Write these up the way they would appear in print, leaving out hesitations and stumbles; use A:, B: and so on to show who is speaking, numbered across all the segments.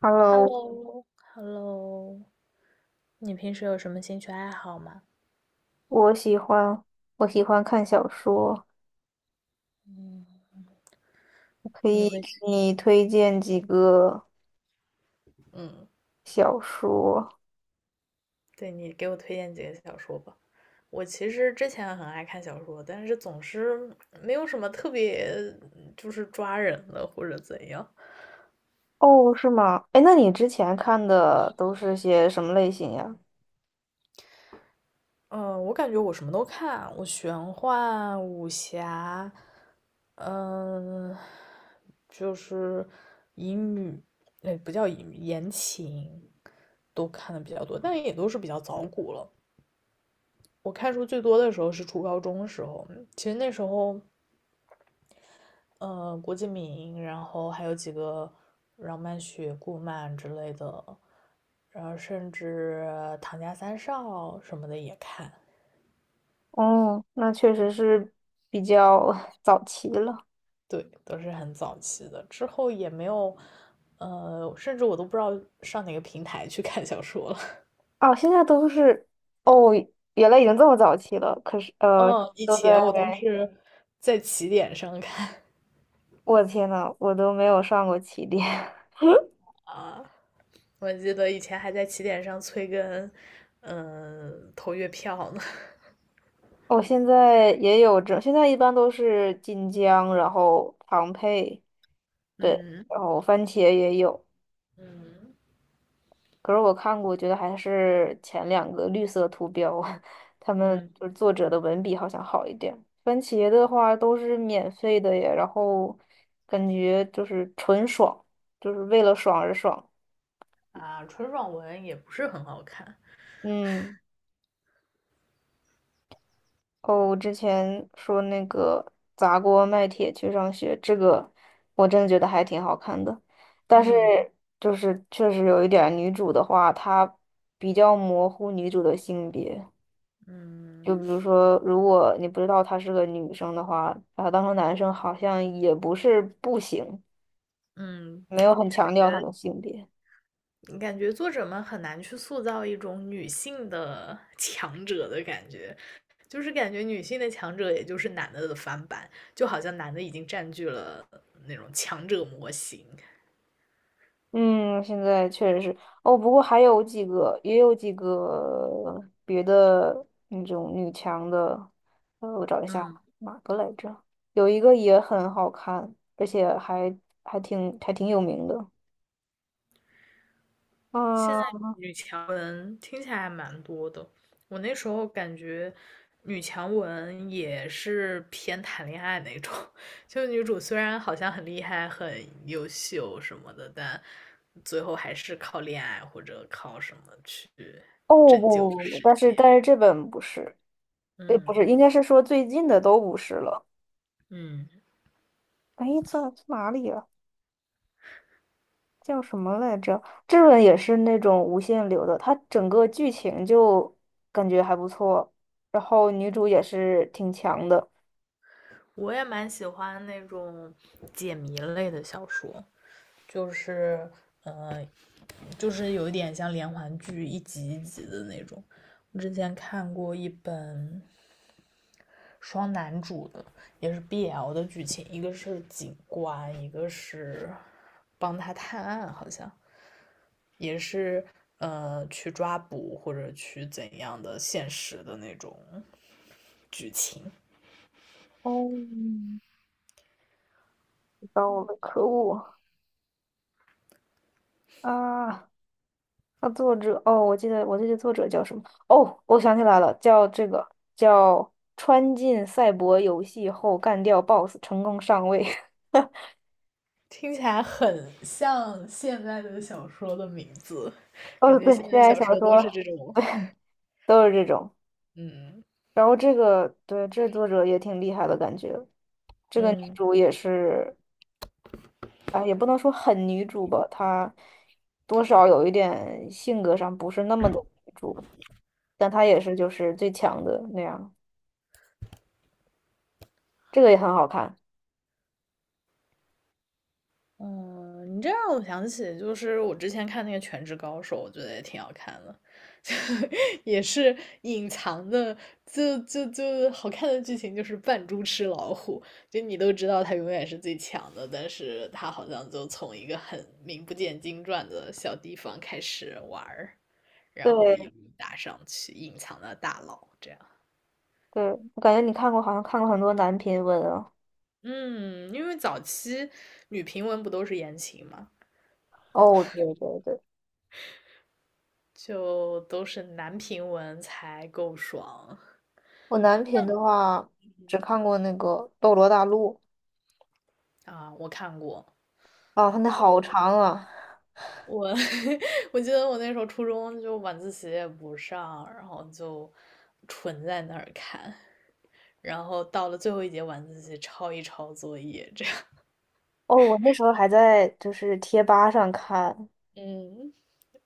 A: Hello，
B: Hello,Hello,你平时有什么兴趣爱好吗？
A: 我喜欢我喜欢看小说，
B: 嗯。
A: 我可
B: 你
A: 以
B: 会
A: 给
B: 喜
A: 你推荐几个
B: 嗯，
A: 小说。
B: 对，你给我推荐几个小说吧。我其实之前很爱看小说，但是总是没有什么特别，就是抓人的或者怎样。
A: 哦，是吗？哎，那你之前看的都是些什么类型呀？
B: 嗯，我感觉我什么都看，我玄幻、武侠，嗯，就是乙女，哎，不叫乙女，言情都看的比较多，但也都是比较早古了。我看书最多的时候是初高中的时候，其实那时候，郭敬明，然后还有几个饶曼雪、顾漫之类的，然后甚至唐家三少什么的也看，
A: 哦，那确实是比较 早期了。
B: 对，都是很早期的。之后也没有，甚至我都不知道上哪个平台去看小说了。
A: 哦，现在都是哦，原来已经这么早期了。可是
B: 嗯，以
A: 都在
B: 前我都是在起点上看，
A: 我的天呐，我都没有上过起点。
B: 我记得以前还在起点上催更，投月票呢。
A: 我现在也有这，现在一般都是晋江，然后庞培。对，
B: 嗯，
A: 然后番茄也有，
B: 嗯
A: 可是我看过，觉得还是前两个绿色图标，他们
B: 嗯。
A: 就是作者的文笔好像好一点。番茄的话都是免费的耶，然后感觉就是纯爽，就是为了爽而爽。
B: 啊，纯爽文也不是很好看。
A: 嗯，哦，我之前说那个砸锅卖铁去上学，这个我真的觉得还挺好看的，但是
B: 嗯
A: 就是确实有一点儿女主的话，她比较模糊女主的性别。
B: 嗯
A: 就比如说，如果你不知道她是个女生的话，把她当成男生好像也不是不行，
B: 嗯，
A: 没有很
B: 感
A: 强
B: 觉
A: 调她的性别。
B: 感觉作者们很难去塑造一种女性的 强者的感觉，就是感觉女性的强者也就是男的的翻版，就好像男的已经占据了那种强者模型。
A: 嗯，现在确实是哦，不过还有几个，也有几个别的那种女强的，我找一下
B: 嗯。
A: 哪个来着？有一个也很好看，而且还还挺有名的。
B: 现
A: 啊，
B: 在
A: 哦
B: 女强文听起来还蛮多的，我那时候感觉女强文也是偏谈恋爱那种，就女主虽然好像很厉害、很优秀什么的，但最后还是靠恋爱或者靠什么去
A: 不不
B: 拯救
A: 不不
B: 世
A: 但是
B: 界。
A: 但是这本不是，对，不是，
B: 嗯。
A: 应该是说最近的都不是了。
B: 嗯，
A: 哎，在哪里啊？叫什么来着？这本也是那种无限流的，它整个剧情就感觉还不错，然后女主也是挺强的。
B: 我也蛮喜欢那种解谜类的小说，就是呃，就是有一点像连环剧一集一集的那种。我之前看过一本双男主的，也是 BL 的剧情，一个是警官，一个是帮他探案，好像也是去抓捕或者去怎样的现实的那种剧情。
A: 哦，知道了，可恶啊！那作者，哦，我记得作者叫什么？哦，我想起来了，叫这个叫穿进赛博游戏后干掉 BOSS 成功上位。
B: 听起来很像现在的小说的名字，感
A: 哦，
B: 觉
A: 对，
B: 现
A: 现
B: 在
A: 在
B: 小说
A: 小
B: 都是
A: 说
B: 这种，
A: 都是这种。
B: 嗯。
A: 然后这个，对，这作者也挺厉害的感觉。这个女
B: 嗯，
A: 主也是，啊，也不能说很女主吧，她多少有一点性格上不是那么的女主，但她也是就是最强的那样，这个也很好看。
B: 嗯，你这让我想起，就是我之前看那个《全职高手》，我觉得也挺好看的，也是隐藏的，就好看的剧情就是扮猪吃老虎，就你都知道他永远是最强的，但是他好像就从一个很名不见经传的小地方开始玩儿，然后
A: 对
B: 一路打上去，隐藏的大佬这样。
A: 对，我感觉你看过，好像看过很多男频文啊。
B: 嗯，因为早期女评文不都是言情嘛，
A: 哦，对对对，
B: 就都是男评文才够爽。
A: 我男频的话只看过那个《斗罗大陆》
B: 啊，我看过，
A: 啊，它那好长啊。
B: 我 我记得我那时候初中就晚自习也不上，然后就纯在那儿看，然后到了最后一节晚自习抄一抄作业，这样。
A: 哦，我那时候还在就是贴吧上看，
B: 嗯，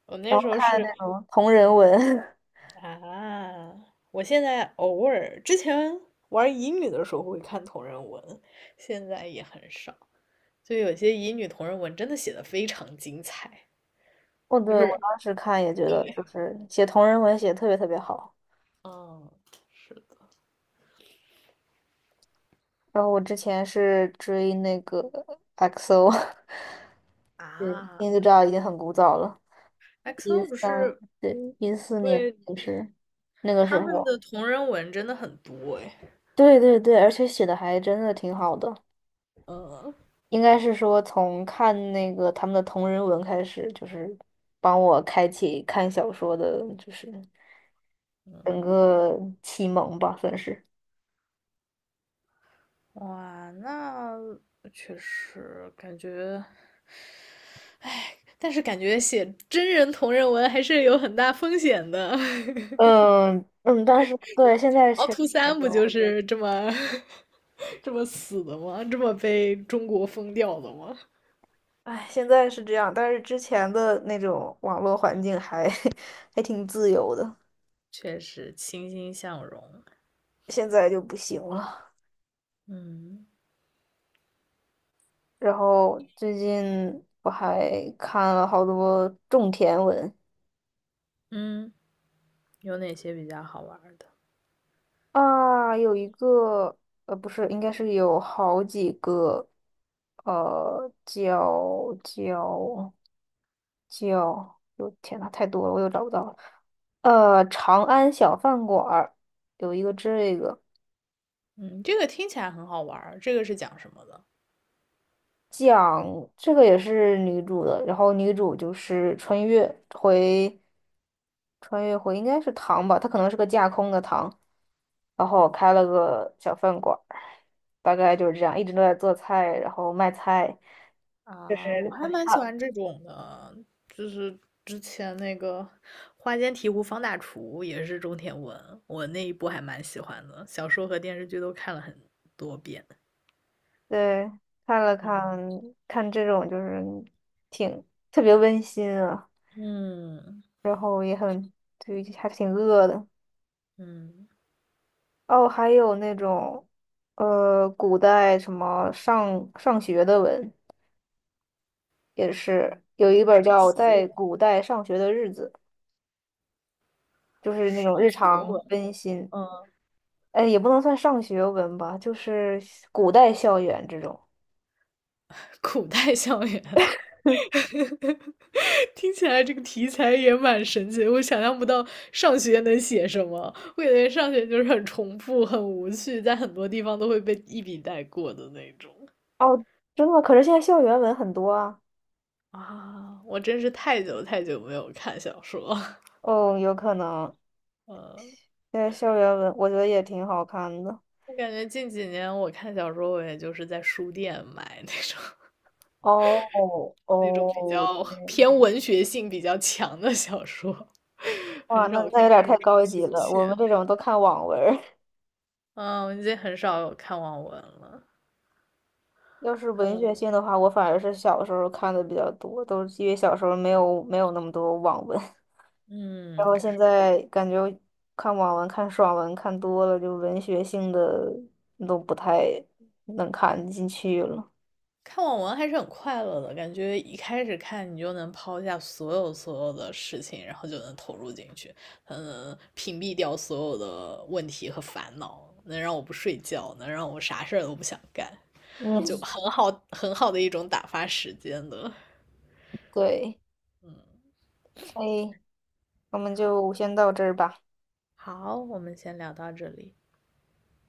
B: 我那
A: 然
B: 时
A: 后
B: 候
A: 看
B: 是
A: 那种同人文。
B: 啊，我现在偶尔之前玩乙女的时候会看同人文，现在也很少。就有些乙女同人文真的写的非常精彩，
A: 哦，
B: 就
A: 对，我
B: 是
A: 当时看也觉得，就是写同人文写得特别特别好。
B: 嗯，是的。
A: 然后我之前是追那个 XO，对，
B: 啊
A: 听就知道已经很古早了，一
B: ，XO 不
A: 三，
B: 是
A: 对，14年
B: 对。
A: 就是那个
B: 他
A: 时
B: 们
A: 候。
B: 的同人文真的很多诶。
A: 对对对，而且写的还真的挺好的，
B: 嗯
A: 应该是说从看那个他们的同人文开始，就是帮我开启看小说的，就是整
B: 嗯，
A: 个启蒙吧，算是。
B: 哇，那确实感觉，但是感觉写真人同人文还是有很大风险的。
A: 嗯嗯，但是对，现在
B: 凹
A: 确实
B: 凸三不
A: 有。
B: 就是这么 这么死的吗？这么被中国封掉的吗？
A: 哎，现在是这样，但是之前的那种网络环境还 还挺自由的，
B: 确实欣欣向荣。
A: 现在就不行了。
B: 嗯
A: 然后最近我还看了好多种田文，
B: 嗯，有哪些比较好玩的？
A: 啊，有一个，不是，应该是有好几个，呃，叫叫叫，我天呐，太多了，我又找不到了。长安小饭馆儿有一个这个
B: 嗯，这个听起来很好玩儿。这个是讲什么的？
A: 讲，这个也是女主的，然后女主就是穿越回，穿越回应该是唐吧，她可能是个架空的唐，然后开了个小饭馆。大概就是这样，一直都在做菜，然后卖菜，就是
B: 啊，我还
A: 看，
B: 蛮喜欢这种的，就是之前那个《花间提壶方大厨》也是中田文，我那一部还蛮喜欢的，小说和电视剧都看了很多遍。
A: 对，看了看
B: 嗯
A: 看这种就是挺特别温馨啊，
B: 嗯
A: 然后也很，对，还挺饿的。
B: 嗯，
A: 哦，还有那种，古代什么上学的文，也是有一本
B: 上
A: 叫
B: 学
A: 《在
B: 文，
A: 古代上学的日子》，就是那种
B: 上
A: 日
B: 学
A: 常
B: 文，
A: 温馨，
B: 嗯，
A: 哎，也不能算上学文吧，就是古代校园这种。
B: 古代校园。听起来这个题材也蛮神奇的，我想象不到上学能写什么。我感觉上学就是很重复、很无趣，在很多地方都会被一笔带过的那种。
A: 哦，真的吗可是现在校园文很多啊。
B: 啊！我真是太久太久没有看小说，
A: 哦，有可能。
B: 呃，
A: 现在校园文我觉得也挺好看的。
B: 我感觉近几年我看小说，我也就是在书店买那种
A: 哦
B: 那种比
A: 哦，
B: 较
A: 这样
B: 偏文学性比较强的小说，
A: 哇，
B: 很
A: 那
B: 少看
A: 那有点
B: 这种
A: 太高
B: 休
A: 级了，我们
B: 闲。
A: 这种都看网文儿
B: 嗯，我已经很少有看网文了。
A: 要是文学
B: 嗯，
A: 性的话，我反而是小时候看的比较多，都是因为小时候没有那么多网文，然
B: 嗯，
A: 后现
B: 是。
A: 在感觉看网文、看爽文看多了，就文学性的都不太能看进去了。
B: 看网文还是很快乐的，感觉一开始看你就能抛下所有所有的事情，然后就能投入进去，嗯，屏蔽掉所有的问题和烦恼，能让我不睡觉，能让我啥事儿都不想干，
A: 嗯，
B: 就很好很好的一种打发时间的。
A: 对，
B: 嗯，
A: 可以我们就先到这儿吧。
B: 好，我们先聊到这里。